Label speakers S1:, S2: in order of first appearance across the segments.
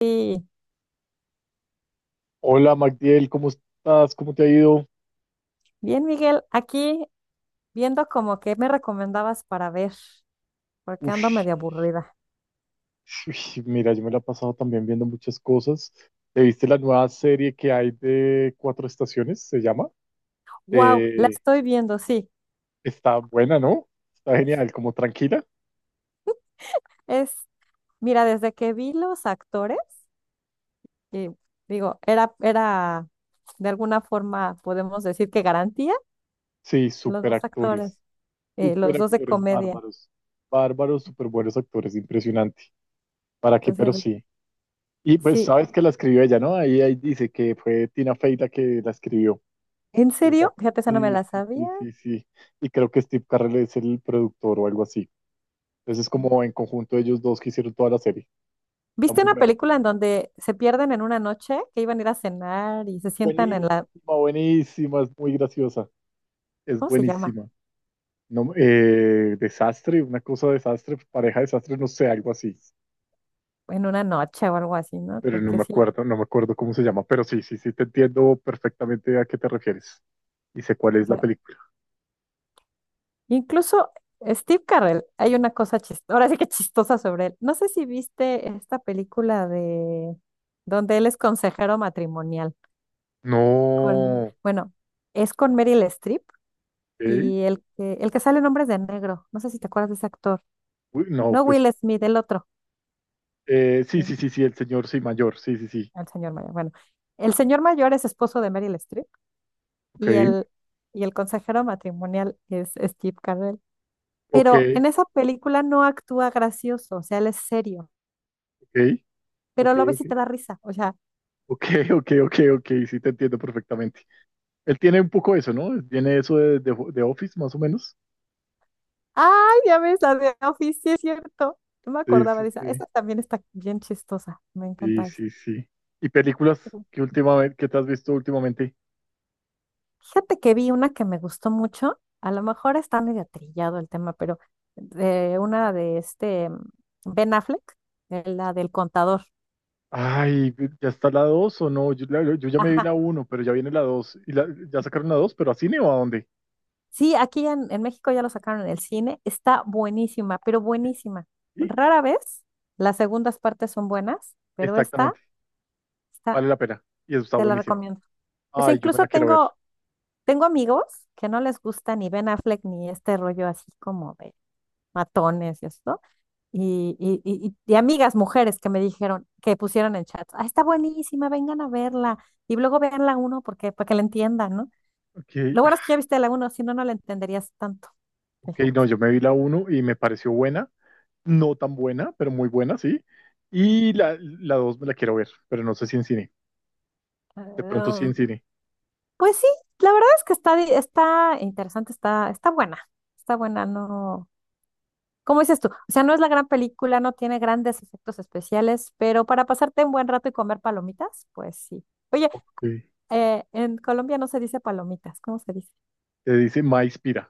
S1: Sí,
S2: Hola Magdiel, ¿cómo estás? ¿Cómo te ha ido?
S1: bien, Miguel, aquí viendo como que me recomendabas para ver, porque ando
S2: Ush,
S1: medio aburrida.
S2: ush, mira, yo me la he pasado también viendo muchas cosas. ¿Te viste la nueva serie que hay de Cuatro Estaciones? Se llama.
S1: Wow, la
S2: Eh,
S1: estoy viendo, sí.
S2: está buena, ¿no? Está genial, como tranquila.
S1: Es, mira, desde que vi los actores, y digo, era de alguna forma podemos decir que garantía,
S2: Sí,
S1: los dos actores, los
S2: súper
S1: dos de
S2: actores
S1: comedia.
S2: bárbaros, bárbaros, súper buenos actores, impresionante. ¿Para qué? Pero
S1: Entonces,
S2: sí. Y pues
S1: sí,
S2: sabes que la escribió ella, ¿no? Ahí dice que fue Tina Fey la que la escribió.
S1: ¿en serio?
S2: Exacto.
S1: Fíjate, esa no me
S2: Sí,
S1: la
S2: sí,
S1: sabía.
S2: sí, sí, sí. Y creo que Steve Carell es el productor o algo así. Entonces es como en conjunto ellos dos que hicieron toda la serie. Está
S1: ¿Viste
S2: muy
S1: una
S2: buena.
S1: película en donde se pierden en una noche, que iban a ir a cenar y se sientan en
S2: Buenísima,
S1: la,
S2: buenísima, es muy graciosa. Es
S1: ¿cómo se llama?
S2: buenísima. No, desastre, una cosa desastre, pareja desastre, no sé, algo así.
S1: En una noche o algo así, ¿no?
S2: Pero no
S1: Porque
S2: me
S1: sí,
S2: acuerdo, no me acuerdo cómo se llama. Pero sí, sí, sí, te entiendo perfectamente a qué te refieres. Y sé cuál
S1: o
S2: es la
S1: sea,
S2: película.
S1: incluso Steve Carell, hay una cosa chistosa, ahora sí que chistosa sobre él. No sé si viste esta película de donde él es consejero matrimonial con,
S2: No,
S1: bueno, es con Meryl Streep
S2: ¿eh?
S1: y el que sale en Hombres de Negro, no sé si te acuerdas de ese actor,
S2: Uy, no,
S1: no
S2: pues
S1: Will Smith, el otro,
S2: sí,
S1: eh,
S2: sí, sí, sí, el señor, sí, mayor, sí, sí, sí.
S1: el señor mayor, bueno, el señor mayor es esposo de Meryl Streep
S2: Ok,
S1: y el, y el consejero matrimonial es Steve Carell.
S2: ok,
S1: Pero en esa película no actúa gracioso, o sea, él es serio,
S2: ok, ok,
S1: pero lo ves
S2: ok,
S1: y te da risa, o sea,
S2: ok, ok, ok, ok, sí te entiendo perfectamente. Él tiene un poco eso, ¿no? Tiene eso de, Office, más o menos.
S1: ay, ya ves la de Office, sí es cierto, no me
S2: Sí,
S1: acordaba
S2: sí,
S1: de esa,
S2: sí,
S1: esa también está bien chistosa, me
S2: sí,
S1: encanta esa.
S2: sí, sí. ¿Y películas
S1: Ujú.
S2: que te has visto últimamente?
S1: Fíjate que vi una que me gustó mucho, a lo mejor está medio trillado el tema, pero de una de este Ben Affleck, la del contador.
S2: Ay, ¿ya está la 2 o no? Yo ya me vi
S1: Ajá.
S2: la uno, pero ya viene la dos. ¿Y ya sacaron la dos, pero a cine o a dónde?
S1: Sí, aquí en México ya lo sacaron en el cine. Está buenísima, pero buenísima.
S2: Sí,
S1: Rara vez las segundas partes son buenas, pero esta,
S2: exactamente,
S1: esta
S2: vale la pena. Y eso está
S1: te la
S2: buenísima.
S1: recomiendo. Pues
S2: Ay, yo me
S1: incluso
S2: la quiero ver.
S1: tengo amigos que no les gusta ni Ben Affleck ni este rollo así como de matones y esto. Y amigas mujeres que me dijeron, que pusieron en chat, ah, está buenísima, vengan a verla. Y luego vean la uno porque, para que la entiendan, ¿no?
S2: Ok,
S1: Lo bueno es que ya viste la uno, si no, no la entenderías tanto.
S2: ok, no,
S1: Fíjate.
S2: yo me vi la uno y me pareció buena. No tan buena, pero muy buena, sí. Y la dos me la quiero ver, pero no sé si en cine. De pronto sí
S1: Ah,
S2: en cine.
S1: pues sí, la verdad es que está interesante, está, está buena, no, ¿cómo dices tú? O sea, no es la gran película, no tiene grandes efectos especiales, pero para pasarte un buen rato y comer palomitas, pues sí. Oye,
S2: Ok.
S1: en Colombia no se dice palomitas, ¿cómo se dice?
S2: Te dice Maíspira.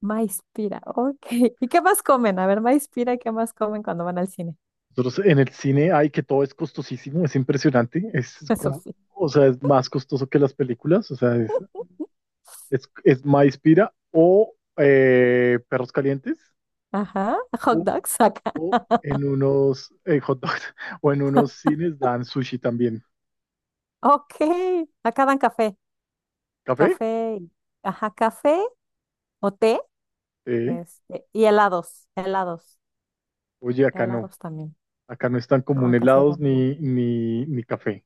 S1: Maíz pira, ok. ¿Y qué más comen? A ver, maíz pira, ¿y qué más comen cuando van al cine?
S2: Nosotros en el cine hay que todo es costosísimo, es impresionante. Es
S1: Eso
S2: como,
S1: sí.
S2: o sea, es más costoso que las películas. O sea, es, Maíspira o Perros Calientes
S1: Ajá, hot
S2: o,
S1: dogs acá.
S2: o en unos hot dogs o en unos cines dan sushi también.
S1: Ok, acá dan café,
S2: ¿Café?
S1: café, y- ajá, café o té.
S2: Sí.
S1: Este, y helados, helados,
S2: Oye, acá no.
S1: helados también.
S2: Acá no están como
S1: No,
S2: un
S1: acá sí va.
S2: helados ni café.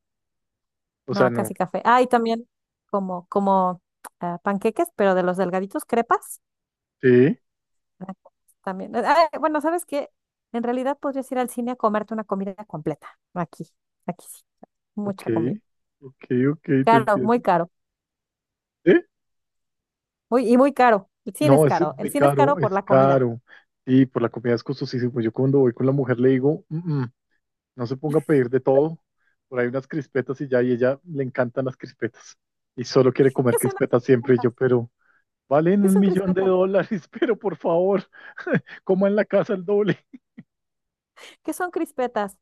S2: O
S1: No,
S2: sea,
S1: acá sí
S2: no.
S1: café. Ah, y también como ah, panqueques, pero de los delgaditos, crepas.
S2: Sí,
S1: Ah, también. Ah, bueno, ¿sabes qué? En realidad podrías ir al cine a comerte una comida completa. Aquí, aquí sí.
S2: ok,
S1: Mucha comida.
S2: ok, ok, te entiendo.
S1: Caro.
S2: ¿Sí?
S1: Muy, y muy caro. El cine es
S2: No, es
S1: caro. El
S2: muy
S1: cine es caro
S2: caro,
S1: por
S2: es
S1: la comida.
S2: caro. Sí, por la comida es costosísimo. Yo cuando voy con la mujer le digo, No se ponga a pedir de todo. Por ahí unas crispetas y ya, y ella le encantan las crispetas. Y solo quiere comer
S1: ¿Qué son las
S2: crispetas siempre. Y
S1: crispetas?
S2: yo, pero valen
S1: ¿Qué
S2: un
S1: son
S2: millón de
S1: crispetas?
S2: dólares, pero por favor, coma en la casa el doble."
S1: ¿Qué son crispetas?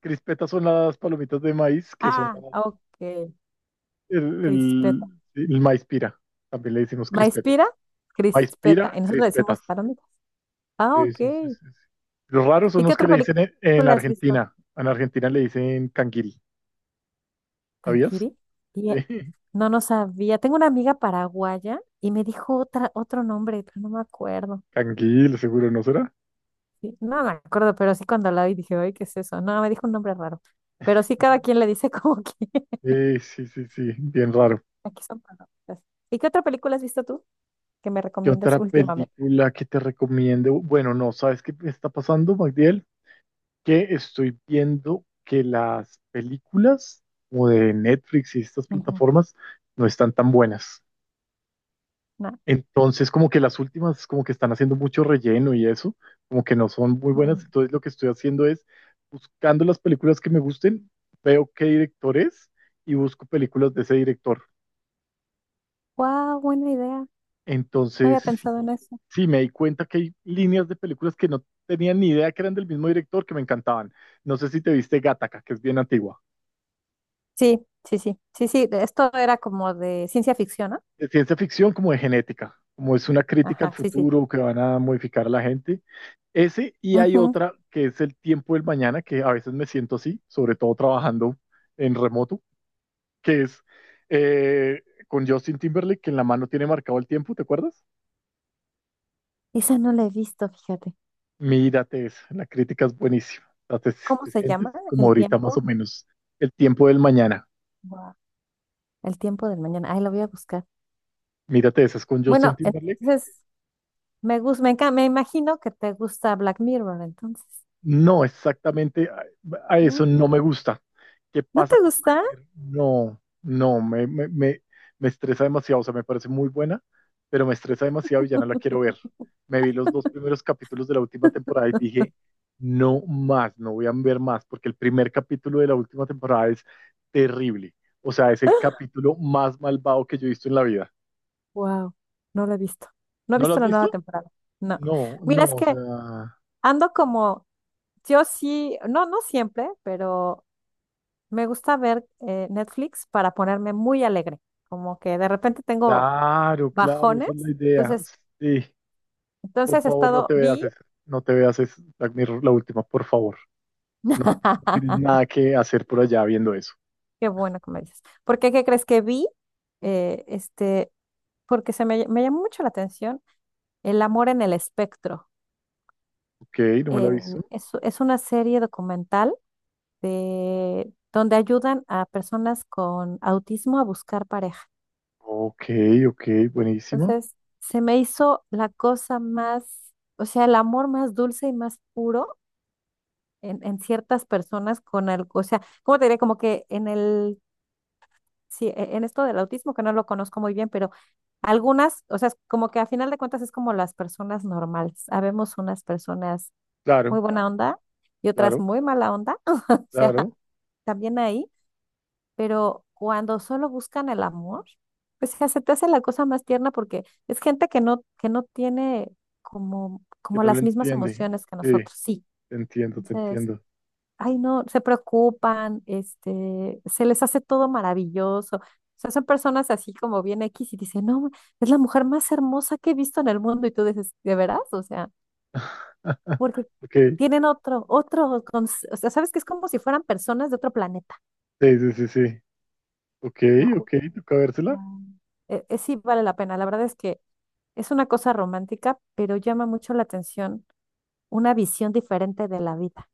S2: Crispetas son las palomitas de maíz, que son
S1: Ah, ok.
S2: el,
S1: Crispetas.
S2: el, el maíz pira, también le decimos crispetas.
S1: Maíz-pira,
S2: Maíz
S1: crispeta.
S2: pira,
S1: Y nosotros
S2: crispetas.
S1: decimos palomitas. Ah,
S2: Sí,
S1: ok.
S2: sí, sí, sí, sí. Los raros son
S1: ¿Y qué
S2: los que
S1: otra
S2: le dicen en
S1: película has visto?
S2: Argentina. En Argentina le dicen canguil, ¿sabías?
S1: ¿Tankiri? Y,
S2: Sí.
S1: no, no sabía. Tengo una amiga paraguaya y me dijo otra, otro nombre, pero no me acuerdo.
S2: Canguil, seguro, ¿no será?
S1: Sí, no me acuerdo, pero sí cuando la oí dije, ay, ¿qué es eso? No, me dijo un nombre raro. Pero sí cada quien le dice como que
S2: Sí, sí, sí, sí, bien raro.
S1: aquí son palomitas. ¿Y qué otra película has visto tú que me
S2: ¿Qué
S1: recomiendes
S2: otra
S1: últimamente?
S2: película que te recomiendo? Bueno, no, ¿sabes qué me está pasando, Magdiel? Que estoy viendo que las películas como de Netflix y estas
S1: Ujú.
S2: plataformas no están tan buenas.
S1: No.
S2: Entonces, como que las últimas, como que están haciendo mucho relleno y eso, como que no son muy buenas. Entonces, lo que estoy haciendo es buscando las películas que me gusten, veo qué director es y busco películas de ese director.
S1: Wow, buena idea. No había
S2: Entonces, sí,
S1: pensado en eso.
S2: sí, me di cuenta que hay líneas de películas que no tenía ni idea que eran del mismo director que me encantaban. No sé si te viste Gattaca, que es bien antigua.
S1: Sí, sí, sí, sí, sí, esto era como de ciencia ficción, ¿no?
S2: De ciencia ficción como de genética, como es una crítica al
S1: Ajá, sí, sí.
S2: futuro que van a modificar a la gente. Ese, y hay
S1: Ujú.
S2: otra que es el tiempo del mañana, que a veces me siento así, sobre todo trabajando en remoto, que es con Justin Timberlake, que en la mano tiene marcado el tiempo, ¿te acuerdas?
S1: Esa no la he visto, fíjate.
S2: Mírate eso, la crítica es buenísima. O sea, Te,
S1: ¿Cómo
S2: te
S1: se
S2: sientes
S1: llama?
S2: como
S1: El
S2: ahorita más o
S1: tiempo.
S2: menos el tiempo del mañana.
S1: Guau. El tiempo del mañana. Ay, lo voy a buscar.
S2: Mírate, esa es con Justin
S1: Bueno,
S2: Timberlake.
S1: entonces me gusta, me imagino que te gusta Black Mirror, entonces.
S2: No, exactamente a
S1: ¿Mm?
S2: eso no me gusta. ¿Qué
S1: ¿No
S2: pasa
S1: te
S2: con Black
S1: gusta?
S2: Mirror? No, no, me estresa demasiado. O sea, me parece muy buena, pero me estresa demasiado y ya no la quiero ver. Me vi los dos primeros capítulos de la última temporada y dije, no más, no voy a ver más, porque el primer capítulo de la última temporada es terrible. O sea, es el capítulo más malvado que yo he visto en la vida.
S1: Wow, no lo he visto. No he
S2: ¿No lo
S1: visto
S2: has
S1: la nueva
S2: visto?
S1: temporada. No.
S2: No, no,
S1: Mira, es
S2: o
S1: que
S2: sea,
S1: ando como, yo sí, no, no siempre, pero me gusta ver Netflix para ponerme muy alegre, como que de repente tengo
S2: claro, claro, esa
S1: bajones.
S2: es la idea.
S1: Entonces,
S2: Sí. Por
S1: entonces he
S2: favor, no
S1: estado,
S2: te veas
S1: vi,
S2: eso. No te veas eso. Black Mirror, la última, por favor. No, no tienes nada que hacer por allá viendo eso.
S1: qué bueno que me dices. ¿Por qué, qué crees que vi? Eh, este, porque me llamó mucho la atención el amor en el espectro.
S2: Ok, no me la he
S1: Eh,
S2: visto.
S1: es una serie documental de, donde ayudan a personas con autismo a buscar pareja.
S2: Ok, ok, buenísima.
S1: Entonces, se me hizo la cosa más, o sea, el amor más dulce y más puro en ciertas personas con algo, o sea, ¿cómo te diré? Como que en el, sí, en esto del autismo, que no lo conozco muy bien, pero algunas, o sea, es como que a final de cuentas es como las personas normales. Habemos unas personas
S2: Claro,
S1: muy buena onda y otras
S2: claro,
S1: muy mala onda, o sea,
S2: claro.
S1: también ahí. Pero cuando solo buscan el amor, pues ya se te hace la cosa más tierna porque es gente que no tiene como,
S2: Que
S1: como
S2: no lo
S1: las mismas
S2: entiende.
S1: emociones que
S2: Sí,
S1: nosotros, sí.
S2: te entiendo, te
S1: Entonces,
S2: entiendo.
S1: ay, no, se preocupan, este, se les hace todo maravilloso. O sea, son personas así como bien X y dicen, no, es la mujer más hermosa que he visto en el mundo. Y tú dices, ¿de veras? O sea, porque
S2: Ok,
S1: tienen o sea, sabes que es como si fueran personas de otro planeta.
S2: sí, sí, sí, sí. Ok,
S1: Lo
S2: ok,
S1: juro.
S2: toca vérsela.
S1: Ah. Sí vale la pena. La verdad es que es una cosa romántica, pero llama mucho la atención una visión diferente de la vida.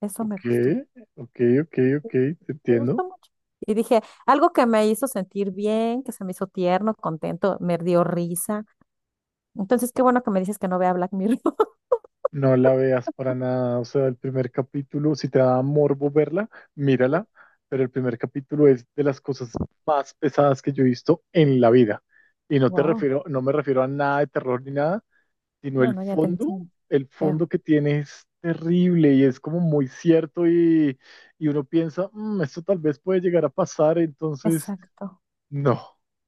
S1: Eso
S2: Ok, ok, ok, ok, te
S1: me
S2: entiendo.
S1: gustó mucho. Y dije, algo que me hizo sentir bien, que se me hizo tierno, contento, me dio risa. Entonces, qué bueno que me dices que no vea Black Mirror.
S2: No la veas para nada, o sea, el primer capítulo, si te da morbo verla, mírala, pero el primer capítulo es de las cosas más pesadas que yo he visto en la vida. Y no te
S1: Wow.
S2: refiero, no me refiero a nada de terror ni nada, sino
S1: No, no, ya te entiendo.
S2: el
S1: Veo.
S2: fondo que tiene es terrible y es como muy cierto y uno piensa, "Mm, esto tal vez puede llegar a pasar, entonces,
S1: Exacto.
S2: no,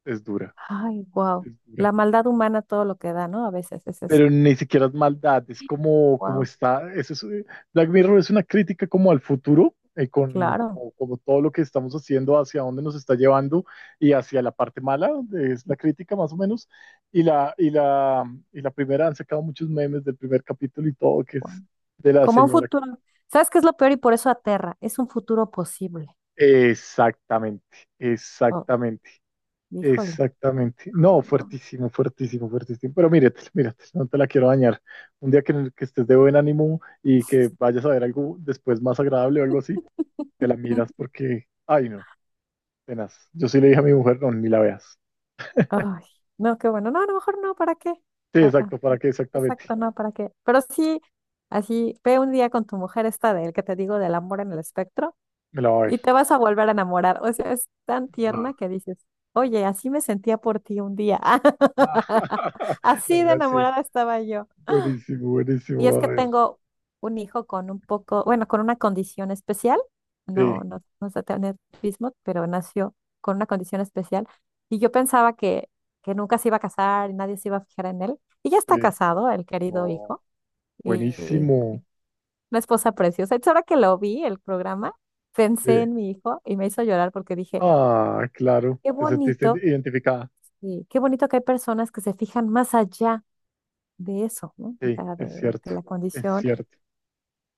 S2: es dura,
S1: Ay, wow.
S2: es dura."
S1: La maldad humana, todo lo que da, ¿no? A veces es eso.
S2: Pero ni siquiera es maldad, es como, como
S1: Wow.
S2: está, eso es, Black Mirror es una crítica como al futuro, con
S1: Claro.
S2: como, como todo lo que estamos haciendo, hacia dónde nos está llevando y hacia la parte mala, donde es la crítica más o menos, y la, y la primera, han sacado muchos memes del primer capítulo y todo, que es
S1: Guau.
S2: de la
S1: Como un
S2: señora.
S1: futuro. ¿Sabes qué es lo peor y por eso aterra? Es un futuro posible.
S2: Exactamente,
S1: Oh,
S2: exactamente.
S1: híjole.
S2: Exactamente. No,
S1: Mm.
S2: fuertísimo, fuertísimo, fuertísimo. Pero mírate, mírate, no te la quiero dañar. Un día que, en el que estés de buen ánimo y que vayas a ver algo después más agradable o algo así, te la miras porque, ay no, tenaz. Yo sí le dije a mi mujer, no, ni la veas.
S1: Ay, no, qué bueno. No, a lo mejor no, ¿para qué?
S2: Sí,
S1: Ah, ah,
S2: exacto, ¿para
S1: no.
S2: qué exactamente?
S1: Exacto, no, ¿para qué? Pero sí, así, ve un día con tu mujer esta del que te digo del amor en el espectro
S2: Me la va a ver.
S1: y te vas a volver a enamorar. O sea, es tan
S2: Ah.
S1: tierna que dices, oye, así me sentía por ti un día.
S2: Le
S1: Así
S2: voy
S1: de
S2: a decir,
S1: enamorada estaba yo.
S2: buenísimo,
S1: Y
S2: buenísimo,
S1: es
S2: a
S1: que
S2: ver.
S1: tengo un hijo con un poco, bueno, con una condición especial, no,
S2: Sí,
S1: no sé tener autismo, pero nació con una condición especial. Y yo pensaba que nunca se iba a casar y nadie se iba a fijar en él. Y ya
S2: sí.
S1: está casado, el querido
S2: No,
S1: hijo, y
S2: buenísimo.
S1: una esposa preciosa. Entonces, ahora que lo vi, el programa,
S2: Sí.
S1: pensé en mi hijo y me hizo llorar porque dije,
S2: Ah, claro,
S1: qué
S2: te sentiste
S1: bonito,
S2: identificada.
S1: y qué bonito que hay personas que se fijan más allá de eso, ¿no? O
S2: Sí,
S1: sea,
S2: es cierto,
S1: de la
S2: es
S1: condición.
S2: cierto.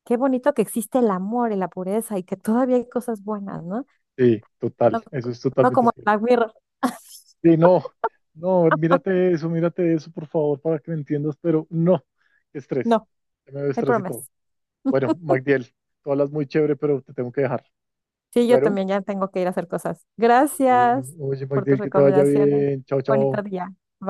S1: Qué bonito que existe el amor y la pureza y que todavía hay cosas buenas, ¿no?
S2: Sí, total,
S1: No,
S2: eso es
S1: no
S2: totalmente
S1: como el
S2: cierto.
S1: Black Mirror.
S2: Sí, no, no, mírate eso, por favor, para que me entiendas, pero no, qué estrés,
S1: No,
S2: ya me veo
S1: hay
S2: estrés y todo.
S1: promesas.
S2: Bueno, Magdiel, tú hablas muy chévere, pero te tengo que dejar.
S1: Sí, yo
S2: Bueno,
S1: también ya tengo que ir a hacer cosas.
S2: bueno,
S1: Gracias
S2: oye,
S1: por tus
S2: Magdiel, que te vaya
S1: recomendaciones.
S2: bien, chao, chao.
S1: Bonito día. Bye.